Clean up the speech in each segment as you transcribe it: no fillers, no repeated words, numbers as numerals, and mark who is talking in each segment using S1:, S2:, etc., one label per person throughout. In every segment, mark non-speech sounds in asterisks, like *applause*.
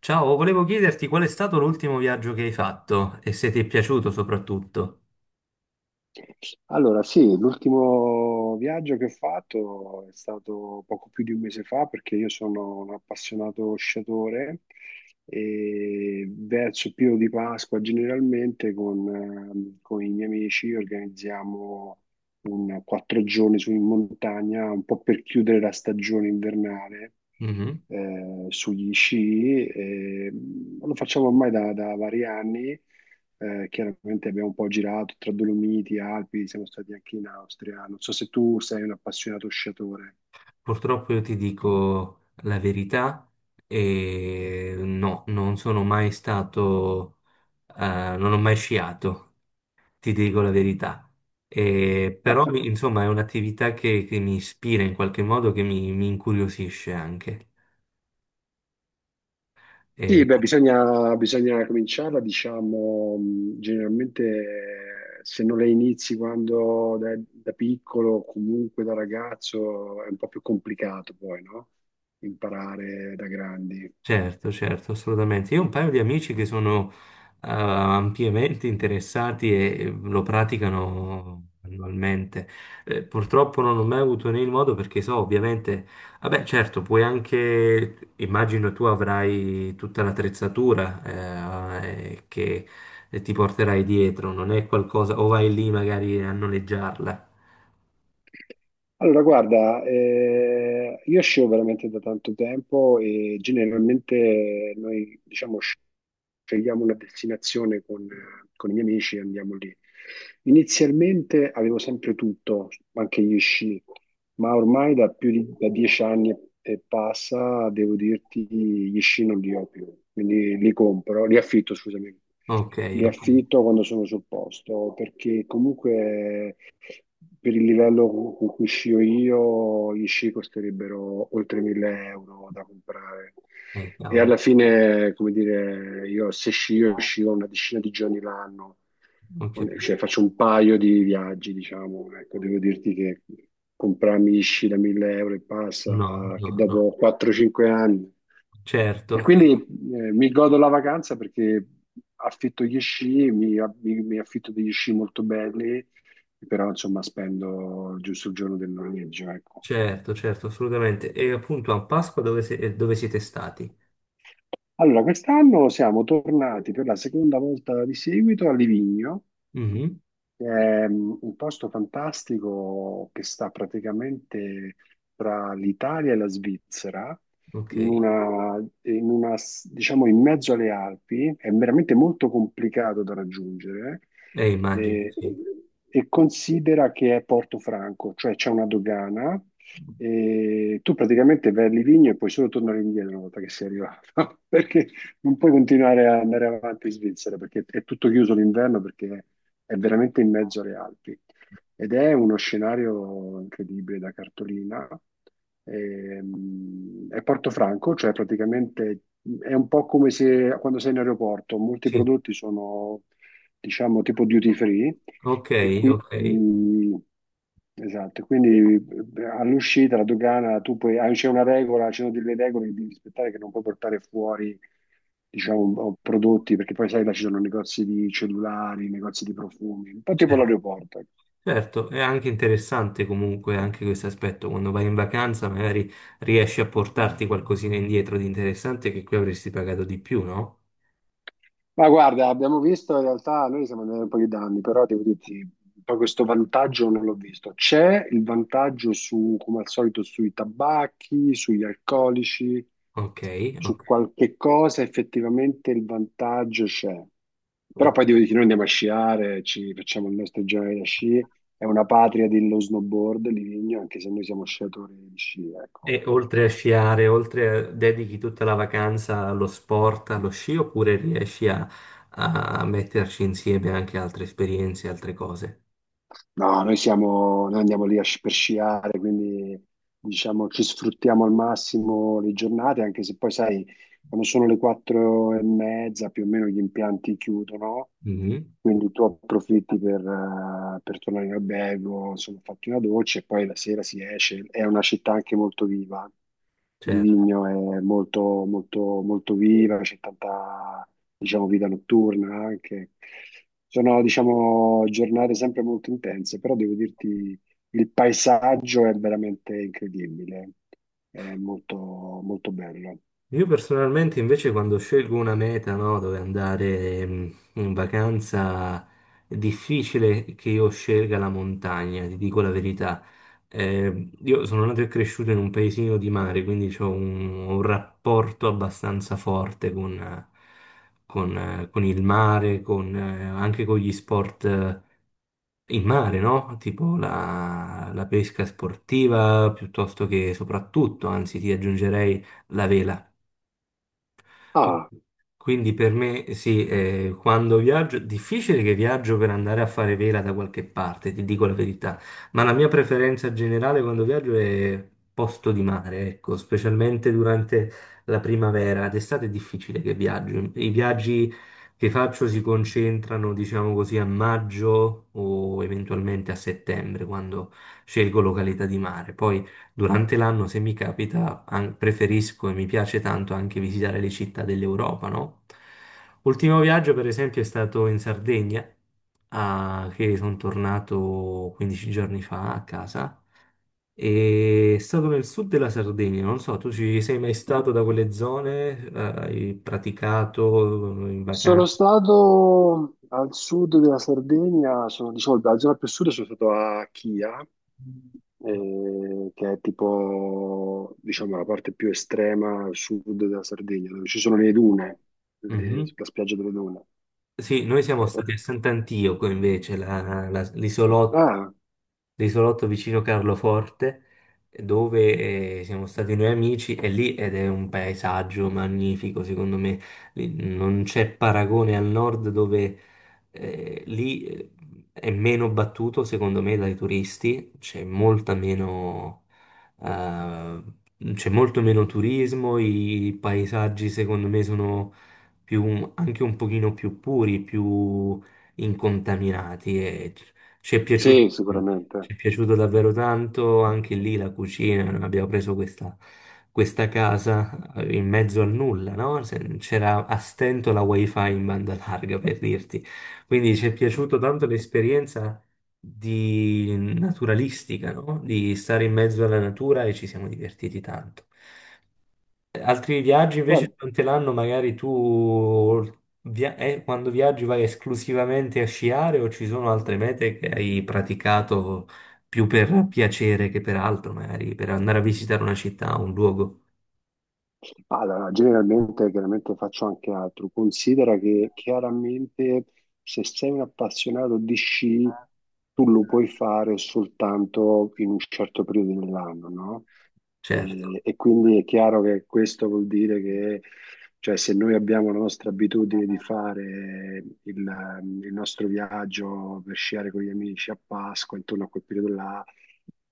S1: Ciao, volevo chiederti qual è stato l'ultimo viaggio che hai fatto e se ti è piaciuto soprattutto.
S2: Allora, sì, l'ultimo viaggio che ho fatto è stato poco più di un mese fa perché io sono un appassionato sciatore e verso il periodo di Pasqua generalmente con i miei amici organizziamo un 4 giorni su in montagna, un po' per chiudere la stagione invernale
S1: Mhm.
S2: sugli sci. E, lo facciamo ormai da vari anni. Chiaramente abbiamo un po' girato tra Dolomiti, Alpi, siamo stati anche in Austria. Non so se tu sei un appassionato sciatore.
S1: Purtroppo io ti dico la verità e no, non sono mai stato, non ho mai sciato, ti dico la verità. E però,
S2: *laughs*
S1: insomma, è un'attività che mi ispira in qualche modo, che mi incuriosisce anche.
S2: Sì,
S1: E
S2: beh, bisogna cominciarla, diciamo, generalmente se non la inizi quando da piccolo o comunque da ragazzo è un po' più complicato poi, no? Imparare da grandi.
S1: certo, certo, assolutamente. Io ho un paio di amici che sono ampiamente interessati e lo praticano annualmente. Purtroppo non ho mai avuto né il modo perché so, ovviamente, vabbè, certo, puoi anche, immagino tu avrai tutta l'attrezzatura che ti porterai dietro, non è qualcosa, o vai lì magari a noleggiarla.
S2: Allora, guarda, io scio veramente da tanto tempo e generalmente noi, diciamo, scegliamo una destinazione con i miei amici e andiamo lì. Inizialmente avevo sempre tutto, anche gli sci, ma ormai da più di da 10 anni e passa, devo dirti, gli sci non li ho più, quindi li compro, li affitto, scusami,
S1: Ok,
S2: li
S1: ok,
S2: affitto quando sono sul posto, perché comunque per il livello con cui scio io, gli sci costerebbero oltre 1000 euro da comprare. E
S1: cavolo,
S2: alla fine, come dire, io se scio, scio una decina di giorni l'anno.
S1: ho capito.
S2: Cioè, faccio un paio di viaggi, diciamo, ecco, devo dirti che comprarmi Ishi da 1000 euro e passa,
S1: No,
S2: che
S1: no, no,
S2: dopo 4-5 anni. E
S1: certo.
S2: quindi mi godo la vacanza perché affitto gli sci, mi affitto degli sci molto belli, però insomma spendo giusto il giorno del noleggio, ecco.
S1: Certo, certo, assolutamente. E appunto a Pasqua dove, dove siete stati?
S2: Allora, quest'anno siamo tornati per la seconda volta di seguito a Livigno.
S1: Mhm,
S2: È un posto fantastico che sta praticamente tra l'Italia e la Svizzera,
S1: ok,
S2: diciamo in mezzo alle Alpi, è veramente molto complicato da raggiungere.
S1: immagino,
S2: eh,
S1: sì.
S2: e, considera che è Portofranco, cioè c'è una dogana e tu praticamente vai a Livigno e puoi solo tornare indietro una volta che sei arrivato, *laughs* perché non puoi continuare a andare avanti in Svizzera perché è tutto chiuso l'inverno perché è veramente in mezzo alle Alpi ed è uno scenario incredibile da cartolina. È Portofranco, cioè praticamente è un po' come se quando sei in aeroporto, molti
S1: Sì,
S2: prodotti sono, diciamo, tipo duty free,
S1: ok,
S2: e
S1: ok,
S2: quindi, esatto, quindi all'uscita la dogana tu puoi, ah, c'è una regola, ci sono delle regole che devi rispettare, che non puoi portare fuori, diciamo, prodotti, perché poi sai là ci sono negozi di cellulari, negozi di profumi, un po' tipo
S1: certo.
S2: l'aeroporto, ecco.
S1: Certo, è anche interessante comunque anche questo aspetto. Quando vai in vacanza magari riesci a portarti qualcosina indietro di interessante che qui avresti pagato di più, no?
S2: Ma guarda, abbiamo visto in realtà, noi siamo andati un po' di anni, però devo dirti, poi questo vantaggio non l'ho visto. C'è il vantaggio su, come al solito, sui tabacchi, sugli alcolici,
S1: Ok,
S2: su
S1: ok.
S2: qualche cosa effettivamente il vantaggio c'è. Però
S1: Ok.
S2: poi devo dire che noi andiamo a sciare, ci facciamo il nostro giorno da sci, è una patria dello snowboard, Livigno, anche se noi siamo sciatori di sci, ecco.
S1: E oltre a sciare, oltre a, dedichi tutta la vacanza allo sport, allo sci, oppure riesci a, a metterci insieme anche altre esperienze, altre cose?
S2: No, noi siamo, noi andiamo lì a per sciare, quindi diciamo ci sfruttiamo al massimo le giornate, anche se poi sai, quando sono le 4:30 più o meno gli impianti chiudono,
S1: Mhm,
S2: quindi tu approfitti per tornare in albergo, insomma, fatti una doccia e poi la sera si esce. È una città anche molto viva. Di
S1: certo.
S2: Vigno è molto, molto, molto viva, c'è tanta, diciamo, vita notturna anche. Sono, diciamo, giornate sempre molto intense, però devo dirti, il paesaggio è veramente incredibile, è molto, molto bello.
S1: Io personalmente invece quando scelgo una meta, no, dove andare in vacanza, è difficile che io scelga la montagna, ti dico la verità. Io sono nato e cresciuto in un paesino di mare, quindi ho un rapporto abbastanza forte con il mare, con, anche con gli sport in mare, no? Tipo la pesca sportiva, piuttosto che soprattutto, anzi ti aggiungerei la vela.
S2: Ah,
S1: Quindi per me sì, quando viaggio, difficile che viaggio per andare a fare vela da qualche parte, ti dico la verità, ma la mia preferenza generale quando viaggio è posto di mare, ecco, specialmente durante la primavera, d'estate è difficile che viaggio. I viaggi che faccio si concentrano, diciamo così, a maggio o eventualmente a settembre, quando scelgo località di mare. Poi durante l'anno, se mi capita, preferisco e mi piace tanto anche visitare le città dell'Europa, no? Ultimo viaggio, per esempio, è stato in Sardegna, che sono tornato 15 giorni fa a casa. E è stato nel sud della Sardegna, non so, tu ci sei mai stato da quelle zone? Hai praticato in
S2: sono
S1: vacanza?
S2: stato al sud della Sardegna, sono, diciamo, la zona più a sud sono stato a Chia, che è tipo, diciamo, la parte più estrema a sud della Sardegna, dove ci sono le dune,
S1: Mhm.
S2: la spiaggia delle dune.
S1: Sì, noi
S2: E-
S1: siamo
S2: e-
S1: stati a Sant'Antioco invece, l'isolotto,
S2: ah,
S1: vicino Carloforte, dove siamo stati noi amici e lì ed è un paesaggio magnifico, secondo me. Lì non c'è paragone al nord dove lì è meno battuto secondo me dai turisti, c'è molta meno, eh, c'è molto meno turismo, i paesaggi secondo me sono più, anche un pochino più puri, più incontaminati ci è piaciuto,
S2: sì, sicuramente.
S1: ci è piaciuto davvero tanto anche lì la cucina. Noi abbiamo preso questa casa in mezzo al nulla, no? C'era a stento la wifi in banda larga per dirti. Quindi ci è piaciuta tanto l'esperienza di naturalistica, no? Di stare in mezzo alla natura e ci siamo divertiti tanto. Altri viaggi invece
S2: Guarda,
S1: durante l'anno, magari tu quando viaggi vai esclusivamente a sciare o ci sono altre mete che hai praticato più per piacere che per altro, magari per andare a visitare una città, un luogo?
S2: allora, generalmente chiaramente faccio anche altro. Considera che chiaramente se sei un appassionato di sci, tu lo puoi fare soltanto in un certo periodo dell'anno, no?
S1: Certo,
S2: E quindi è chiaro che questo vuol dire che, cioè, se noi abbiamo la nostra abitudine di fare il nostro viaggio per sciare con gli amici a Pasqua, intorno a quel periodo là,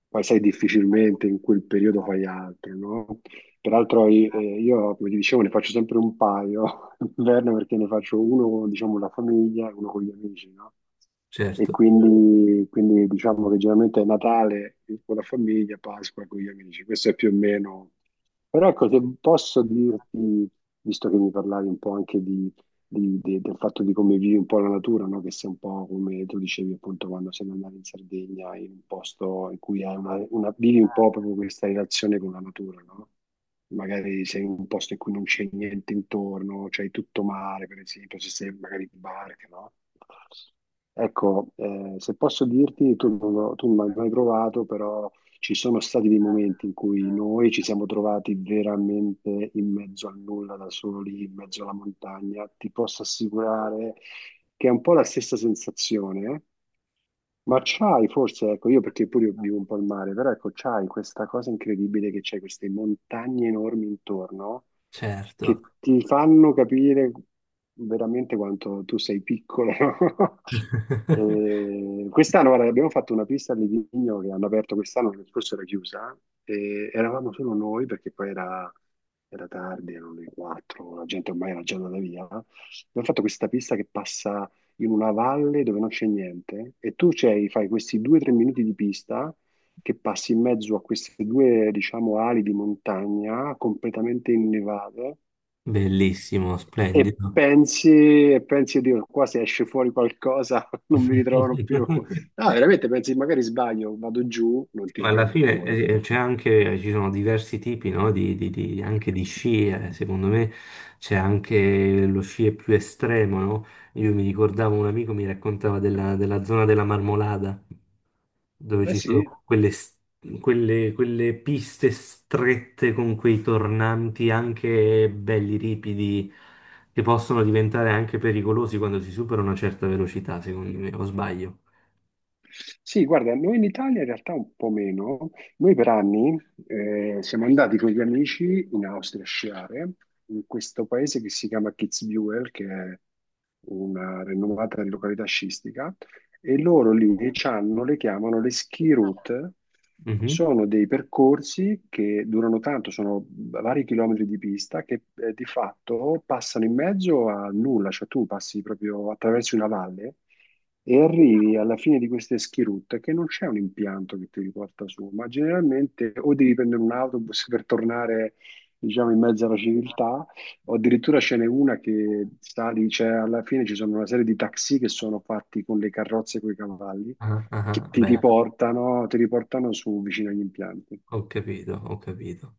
S2: poi sai difficilmente in quel periodo fai altro, no? Peraltro io, come ti dicevo, ne faccio sempre un paio *laughs* d'inverno perché ne faccio uno, diciamo, con la famiglia e uno con gli amici, no? E
S1: certo,
S2: quindi, quindi diciamo che generalmente è Natale con la famiglia, Pasqua con gli amici. Questo è più o meno. Però ecco, se posso dirti, visto che mi parlavi un po' anche di, del fatto di come vivi un po' la natura, no? Che sei un po' come tu dicevi appunto quando sei andato in Sardegna, in un posto in cui hai vivi un po' proprio questa relazione con la natura, no? Magari sei in un posto in cui non c'è niente intorno, c'hai tutto mare, per esempio, se sei magari in barca, no? Ecco, se posso dirti, tu non l'hai mai provato, però ci sono stati dei momenti in cui noi ci siamo trovati veramente in mezzo al nulla, da soli, in mezzo alla montagna. Ti posso assicurare che è un po' la stessa sensazione, eh? Ma c'hai forse, ecco, io perché pure io vivo un po' al mare, però ecco, c'hai questa cosa incredibile che c'è queste montagne enormi intorno
S1: certo.
S2: che ti fanno capire veramente quanto tu sei piccolo, no? *laughs*
S1: *laughs*
S2: Quest'anno, guarda, abbiamo fatto una pista a Livigno che hanno aperto quest'anno, che forse era chiusa, e eravamo solo noi perché poi era tardi, erano le 4, la gente ormai era già andata via. Abbiamo fatto questa pista che passa in una valle dove non c'è niente e tu c'hai, fai questi 2 o 3 minuti di pista che passi in mezzo a queste due, diciamo, ali di montagna completamente innevate,
S1: Bellissimo,
S2: e
S1: splendido.
S2: pensi, e pensi, Dio, qua se esce fuori qualcosa *laughs* non mi ritrovano più.
S1: *laughs*
S2: No, veramente pensi, magari sbaglio, vado giù, non
S1: Sì,
S2: ti
S1: ma alla
S2: riprendono
S1: fine
S2: più.
S1: c'è anche, ci sono diversi tipi, no, anche di sci, eh. Secondo me c'è anche lo sci più estremo, no? Io mi ricordavo un amico mi raccontava della zona della Marmolada, dove
S2: Eh
S1: ci sono
S2: sì,
S1: quelle, quelle piste strette con quei tornanti anche belli ripidi, che possono diventare anche pericolosi quando si supera una certa velocità, secondo me, o sbaglio?
S2: sì, guarda, noi in Italia in realtà un po' meno. Noi per anni siamo andati con gli amici in Austria a sciare, in questo paese che si chiama Kitzbühel, che è una rinomata località sciistica, e loro lì c'hanno, le chiamano le ski route. Sono dei percorsi che durano tanto, sono vari chilometri di pista che di fatto passano in mezzo a nulla, cioè tu passi proprio attraverso una valle e arrivi alla fine di questa schirutta che non c'è un impianto che ti riporta su, ma generalmente o devi prendere un autobus per tornare, diciamo, in mezzo alla civiltà, o addirittura ce n'è una che sali, cioè alla fine ci sono una serie di taxi che sono fatti con le carrozze e coi cavalli,
S1: Ah, ah,
S2: che
S1: ah, beh,
S2: ti riportano su vicino agli impianti.
S1: ho capito, ho capito.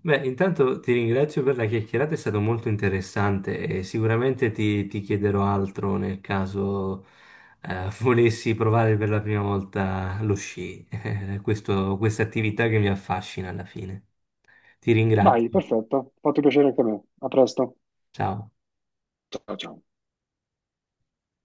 S1: Beh, intanto ti ringrazio per la chiacchierata, è stato molto interessante e sicuramente ti chiederò altro nel caso *laughs* volessi provare per la prima volta lo sci, *laughs* questa attività che mi affascina alla fine. Ti
S2: Dai,
S1: ringrazio.
S2: perfetto, fatto piacere anche a me. A presto.
S1: Ciao.
S2: Ciao, ciao.